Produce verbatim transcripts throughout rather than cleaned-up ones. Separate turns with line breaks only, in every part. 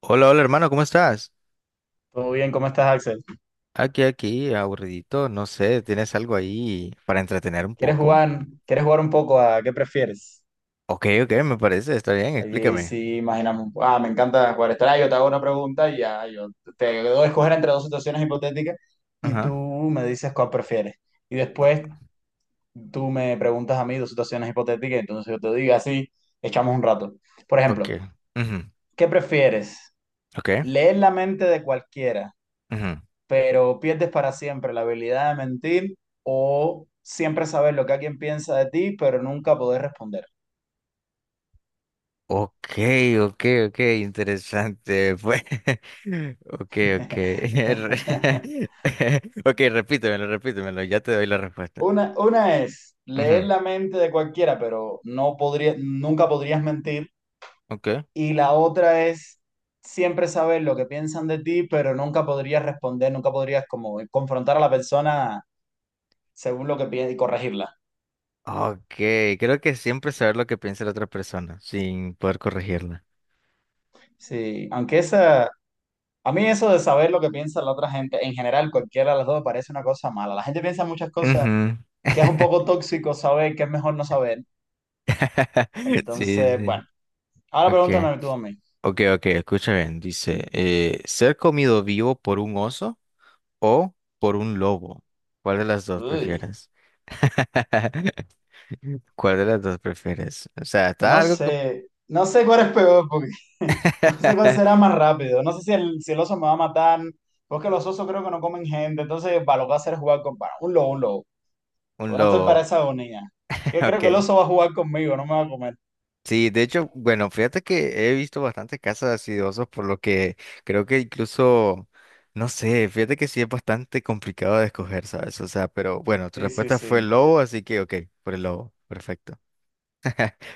Hola, hola hermano, ¿cómo estás?
Todo bien, ¿cómo estás, Axel?
Aquí, aquí, aburridito, no sé, ¿tienes algo ahí para entretener un
¿Quieres
poco?
jugar, quieres jugar un poco a qué prefieres?
Ok, ok, me parece, está bien,
Allí
explícame.
sí, imaginamos. Ah, me encanta jugar esto. Ah, yo te hago una pregunta y ya, yo te doy a escoger entre dos situaciones hipotéticas y tú
Ajá,
me dices cuál prefieres. Y después tú me preguntas a mí dos situaciones hipotéticas, entonces yo te digo así, echamos un rato. Por
ok,
ejemplo,
ujú,
¿qué prefieres?
ok,
¿Leer la mente de cualquiera,
ujú.
pero pierdes para siempre la habilidad de mentir, o siempre saber lo que alguien piensa de ti, pero nunca poder responder?
Ok, ok, ok, interesante, pues, ok, ok, re- ok, repítemelo, repítemelo, ya te doy la respuesta.
Una, una es leer
Ujú.
la mente de cualquiera, pero no podría, nunca podrías mentir.
Ok,
Y la otra es siempre saber lo que piensan de ti, pero nunca podrías responder, nunca podrías como confrontar a la persona según lo que piensa y corregirla.
ok, creo que siempre saber lo que piensa la otra persona sin poder corregirla.
Sí, aunque esa, a mí eso de saber lo que piensa la otra gente, en general cualquiera de las dos me parece una cosa mala. La gente piensa muchas cosas
Ujú.
que es un poco tóxico saber, que es mejor no saber.
Sí,
Entonces,
sí.
bueno, ahora
Okay.
pregúntame tú a mí.
Ok, ok, escucha bien. Dice, eh, ¿ser comido vivo por un oso o por un lobo? ¿Cuál de las dos
Uy.
prefieres? ¿Cuál de las dos prefieres? O sea, está
No
algo como...
sé, no sé cuál es peor, porque no sé cuál será más rápido. No sé si el, si el oso me va a matar, porque los osos creo que no comen gente, entonces para lo que va a hacer es jugar con para un lobo, un lobo.
Un
Yo no estoy
lobo.
para esa agonía. Que creo
Ok.
que el oso va a jugar conmigo, no me va a comer.
Sí, de hecho, bueno, fíjate que he visto bastantes casos así de osos, por lo que creo que incluso, no sé, fíjate que sí es bastante complicado de escoger, ¿sabes? O sea, pero bueno, tu
Sí, sí,
respuesta fue el
sí.
lobo, así que ok, por el lobo, perfecto.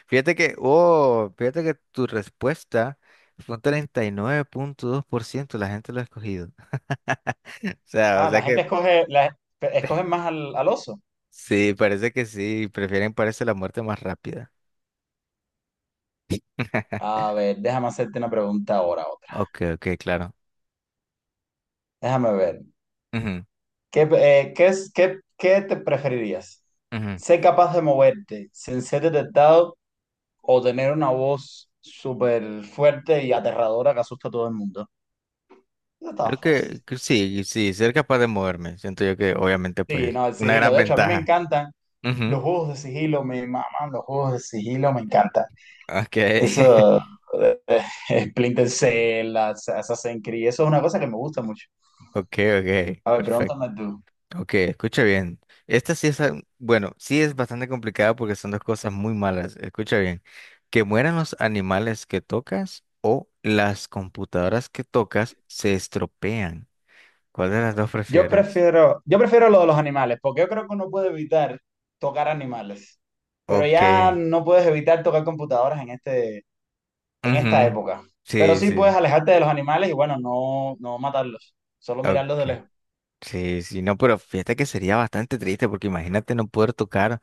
Fíjate que, oh, fíjate que tu respuesta fue un treinta y nueve punto dos por ciento la gente lo ha escogido. O sea, o
Ah,
sea
la
que
gente escoge, la, escoge más al, al oso.
sí, parece que sí, prefieren parece la muerte más rápida.
A ver, déjame hacerte una pregunta ahora, otra.
Ok, ok, claro.
Déjame ver.
Ujú,
¿Qué, eh, qué, es- qué, qué te preferirías?
ujú.
¿Ser capaz de moverte sin ser detectado o tener una voz súper fuerte y aterradora que asusta a todo el mundo? Eso está
Creo
fácil.
que, que sí, sí, ser capaz de moverme. Siento yo que obviamente
Sí,
pues
no, el
una
sigilo.
gran
De hecho, a mí me
ventaja.
encantan
Ujú.
los juegos de sigilo, me maman los juegos de sigilo, me encantan.
Ok,
Eso, eh, eh, Splinter Cell, As- Assassin's Creed, eso es una cosa que me gusta mucho.
ok, ok,
A ver,
perfecto.
pregúntame tú.
Ok, escucha bien. Esta sí es, al- bueno, sí es bastante complicada porque son dos cosas muy malas. Escucha bien. Que mueran los animales que tocas o las computadoras que tocas se estropean. ¿Cuál de las dos
Yo
prefieres?
prefiero, yo prefiero lo de los animales, porque yo creo que uno puede evitar tocar animales, pero
Ok.
ya no puedes evitar tocar computadoras en este, en esta
Ujú,
época. Pero
sí,
sí puedes
sí.
alejarte de los animales y bueno, no, no matarlos, solo mirarlos de
Ok.
lejos.
Sí, sí, no, pero fíjate que sería bastante triste porque imagínate no poder tocar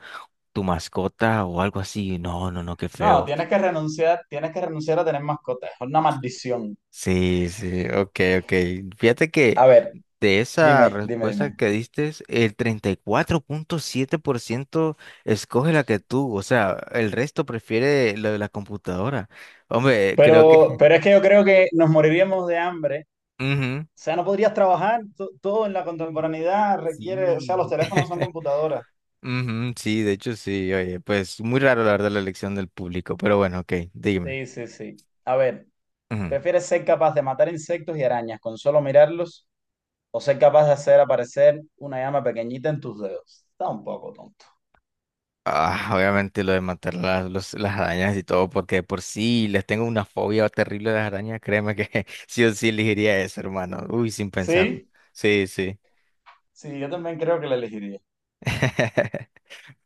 tu mascota o algo así. No, no, no, qué
No,
feo.
tienes que renunciar, tienes que renunciar a tener mascotas, es una maldición.
Sí, sí, ok, ok. Fíjate que
A ver,
de esa
dime, dime,
respuesta
dime.
que diste, el treinta y cuatro punto siete por ciento escoge la que tú, o sea, el resto prefiere lo de la computadora. Hombre, creo que...
Pero, pero es que yo creo que nos moriríamos de hambre.
Ujú,
O sea, no podrías trabajar, to- todo en la contemporaneidad requiere, o sea, los
sí.
teléfonos son computadoras.
Ujú, sí, de hecho sí, oye, pues muy raro la verdad la elección del público, pero bueno, ok, dime.
Sí, sí, sí. A ver,
Ujú.
¿prefieres ser capaz de matar insectos y arañas con solo mirarlos, o ser capaz de hacer aparecer una llama pequeñita en tus dedos? Está un poco tonto.
Ah, obviamente lo de matar las, los- las arañas y todo, porque de por sí les tengo una fobia terrible de las arañas, créeme que sí o sí elegiría eso, hermano. Uy, sin pensarlo.
Sí,
Sí, sí.
sí, yo también creo que la elegiría.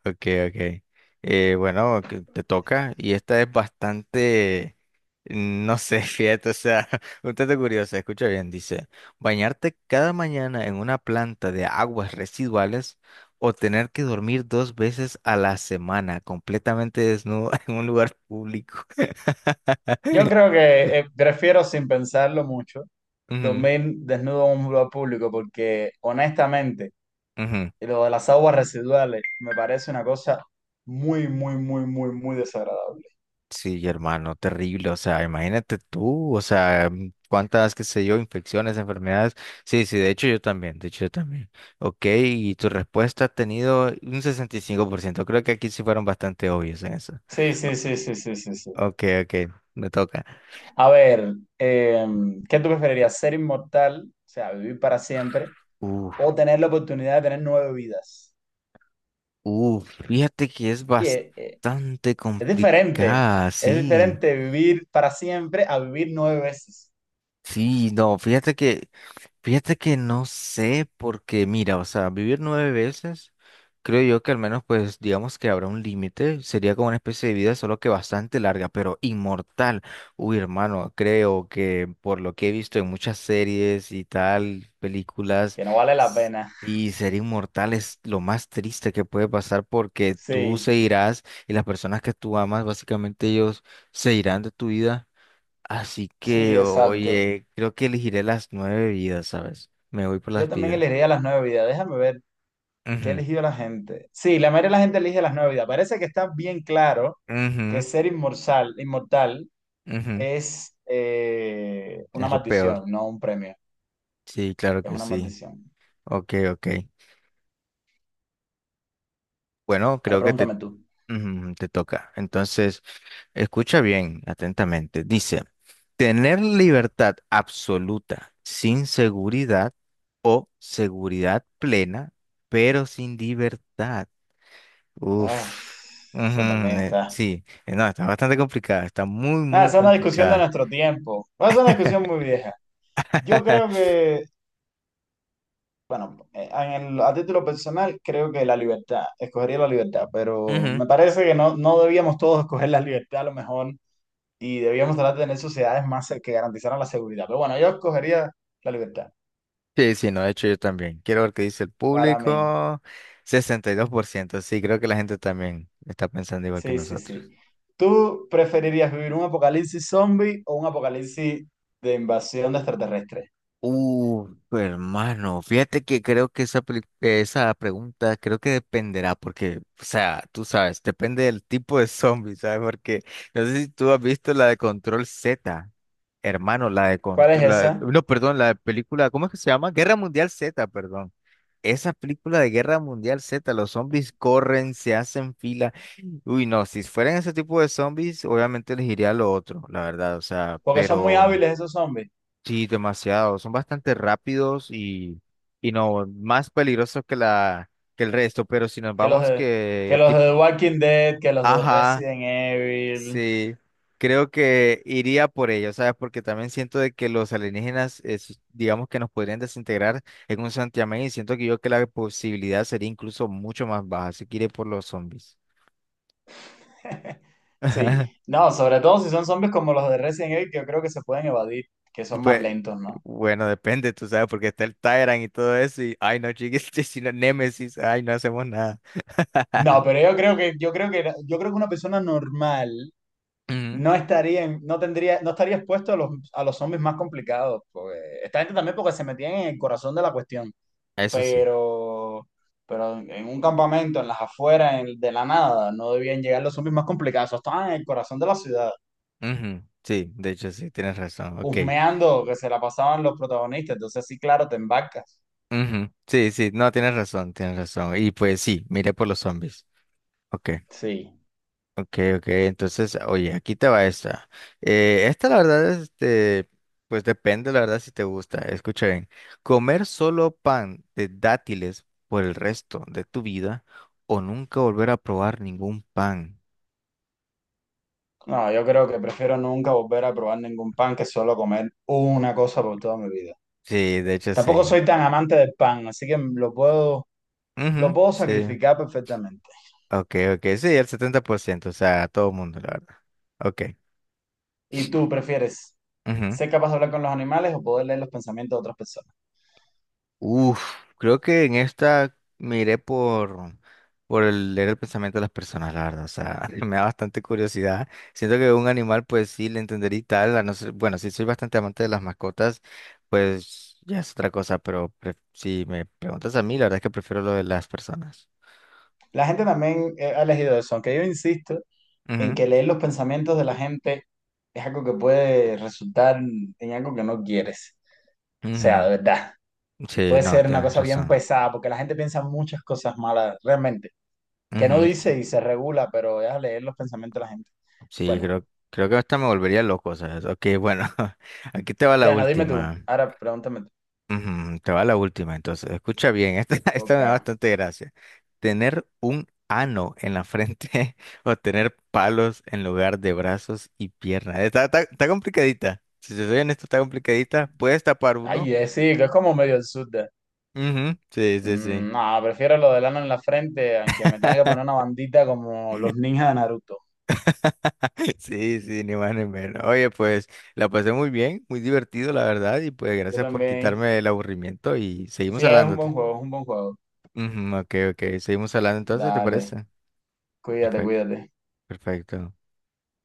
Ok, ok. Eh, bueno, que te toca. Y esta es bastante, no sé, fíjate, o sea, un tanto curiosa. Escucha bien, dice, bañarte cada mañana en una planta de aguas residuales o tener que dormir dos veces a la semana completamente desnudo en un lugar público.
Yo creo que eh, prefiero sin pensarlo mucho
Ujú,
dormir desnudo en un lugar público, porque honestamente
ujú.
lo de las aguas residuales me parece una cosa muy, muy, muy, muy, muy desagradable.
Sí, hermano, terrible. O sea, imagínate tú, o sea, mm, cuántas, qué sé yo, infecciones, enfermedades. Sí, sí, de hecho yo también, de hecho yo también. Ok, y tu respuesta ha tenido un sesenta y cinco por ciento. Creo que aquí sí fueron bastante obvios en eso.
Sí,
O-
sí, sí, sí, sí, sí, sí.
Ok, ok, me toca.
A ver, eh, ¿qué tú preferirías? ¿Ser inmortal, o sea, vivir para siempre,
Uf,
o tener la oportunidad de tener nueve vidas?
uf, fíjate que es
Sí, eh, eh,
bastante
es diferente.
complicada,
Es
sí.
diferente vivir para siempre a vivir nueve veces.
Sí, no, fíjate que Fíjate que no sé, porque mira, o sea, vivir nueve veces, creo yo que al menos, pues, digamos que habrá un límite, sería como una especie de vida, solo que bastante larga, pero inmortal. Uy, hermano, creo que por lo que he visto en muchas series y tal, películas,
Que no vale la
s-
pena.
y ser inmortal es lo más triste que puede pasar porque tú
Sí,
se irás y las personas que tú amas, básicamente ellos se irán de tu vida. Así
sí,
que,
exacto.
oye, creo que elegiré las nueve vidas, ¿sabes? Me voy por
Yo
las
también
vidas.
elegiría las nueve vidas. Déjame ver qué ha
Ujú,
elegido la gente. Sí, la mayoría de la gente elige las nueve vidas. Parece que está bien claro que
ujú,
ser inmortal, inmortal
ujú.
es eh, una
Es lo peor.
maldición, no un premio.
Sí, claro
Es
que
una
sí.
maldición.
Ok, ok. Bueno,
Ahora
creo que te,
pregúntame tú.
ujú, te toca. Entonces, escucha bien, atentamente. Dice, tener libertad absoluta sin seguridad o seguridad plena, pero sin libertad.
Ah,
Uf. Ujú,
eso también
eh,
está.
sí, Eh, no, está bastante complicada, está muy,
Nada,
muy
esa es una discusión de
complicada.
nuestro tiempo. Esa es una discusión muy vieja. Yo creo que Bueno, eh, en el- a título personal creo que la libertad, escogería la libertad, pero
Ujú.
me parece que no, no debíamos todos escoger la libertad a lo mejor, y debíamos tratar de tener sociedades más se- que garantizaran la seguridad. Pero bueno, yo escogería la libertad
Sí, sí, no, de hecho yo también. Quiero ver qué dice el
para mí.
público. Sesenta y dos por ciento, sí, creo que la gente también está pensando igual que
Sí, sí,
nosotros.
sí. ¿Tú preferirías vivir un apocalipsis zombie o un apocalipsis de invasión de extraterrestres?
Uh, hermano, fíjate que creo que esa, peli- eh, esa pregunta creo que dependerá, porque, o sea, tú sabes, depende del tipo de zombie, ¿sabes? Porque no sé si tú has visto la de Control Z, hermano, la de
¿Cuál es
Control, la-
esa?
no, perdón, la de película, ¿cómo es que se llama? Guerra Mundial Z, perdón. Esa película de Guerra Mundial Z, los zombies corren, se hacen fila. Uy, no, si fueran ese tipo de zombies, obviamente elegiría lo otro, la verdad, o sea,
Porque son muy
pero.
hábiles esos zombies,
Sí, demasiado. Son bastante rápidos y, y no más peligrosos que la que el resto. Pero si nos
que los
vamos
de, que
que
los de
tipo,
The Walking Dead, que los de
ajá,
Resident Evil.
sí, creo que iría por ello, ¿sabes? Porque también siento de que los alienígenas, es- digamos que nos podrían desintegrar en un santiamén y siento que yo que la posibilidad sería incluso mucho más baja. Así que iré por los zombies.
Sí, no, sobre todo si son zombies como los de Resident Evil, que yo creo que se pueden evadir, que son más
Pues,
lentos, ¿no?
bueno, depende, tú sabes, porque está el Tyrant y todo eso, y ay no, chiquis, si no Némesis, ay, no hacemos nada.
No, pero yo creo que, yo creo que, yo creo que una persona normal
Ujú,
no estaría, en- no tendría, no estaría expuesto a los, a los zombies más complicados, porque esta gente también porque se metían en el corazón de la cuestión,
eso sí.
pero, pero, en un campamento, en las afueras, en- de la nada, no debían llegar los zombies más complicados, esos estaban en el corazón de la ciudad,
Ujú, sí, de hecho sí, tienes razón, ok.
husmeando que se la pasaban los protagonistas, entonces sí, claro, te embarcas.
Ujú, sí, sí, no, tienes razón, tienes razón. Y pues sí, miré por los zombies. Ok.
Sí.
Ok, ok, entonces, oye, aquí te va esta. Eh, esta la verdad, este, pues depende, la verdad, si te gusta. Escucha bien. ¿Comer solo pan de dátiles por el resto de tu vida o nunca volver a probar ningún pan?
No, yo creo que prefiero nunca volver a probar ningún pan que solo comer una cosa por toda mi vida.
Sí, de hecho
Tampoco
sí.
soy tan amante del pan, así que lo puedo, lo
Ujú,
puedo
sí.
sacrificar perfectamente.
Ok, ok, sí, el setenta por ciento, o sea, a todo mundo, la verdad. Ok.
¿Y tú prefieres ser capaz de hablar con los animales o poder leer los pensamientos de otras personas?
Uf, creo que en esta me iré por, por el leer el pensamiento de las personas, la verdad. O sea, me da bastante curiosidad. Siento que un animal, pues sí, le entendería y tal. A no ser- bueno, si soy bastante amante de las mascotas, pues ya es otra cosa. Pero pre- si me preguntas a mí, la verdad es que prefiero lo de las personas.
La gente también eh, ha elegido eso, aunque yo insisto en
Ujú,
que leer los pensamientos de la gente es algo que puede resultar en algo que no quieres. O sea,
ujú.
de verdad,
Sí,
puede
no,
ser una
tienes
cosa bien
razón.
pesada porque la gente piensa muchas cosas malas realmente. Que no
Ujú,
dice y se regula, pero es a leer los pensamientos de la gente.
Sí,
Bueno,
creo, creo que hasta me volvería loco, ¿sabes? Ok, bueno, aquí te va la
Diana, dime tú.
última.
Ahora pregúntame tú.
Ujú, te va la última, entonces. Escucha bien, esta, esta me
Ok.
da bastante gracia. Tener un ano en la frente o tener palos en lugar de brazos y piernas. Está, está, está complicadita. Si te soy honesto, está complicadita. Puedes tapar uno.
Ay, eh, sí, que es como medio el sur de...
Ujú, Sí, sí, sí.
Mm, no, prefiero lo del ano en la frente, aunque me tenga que poner una bandita como los ninjas de Naruto.
Sí, sí, ni más ni menos. Oye, pues la pasé muy bien, muy divertido, la verdad. Y pues
Yo
gracias por
también.
quitarme el aburrimiento y seguimos
Sí, es un
hablando.
buen juego, es un buen juego.
Ujú, ok, ok. Seguimos hablando entonces, ¿te
Dale,
parece?
cuídate,
Perfecto,
cuídate.
perfecto.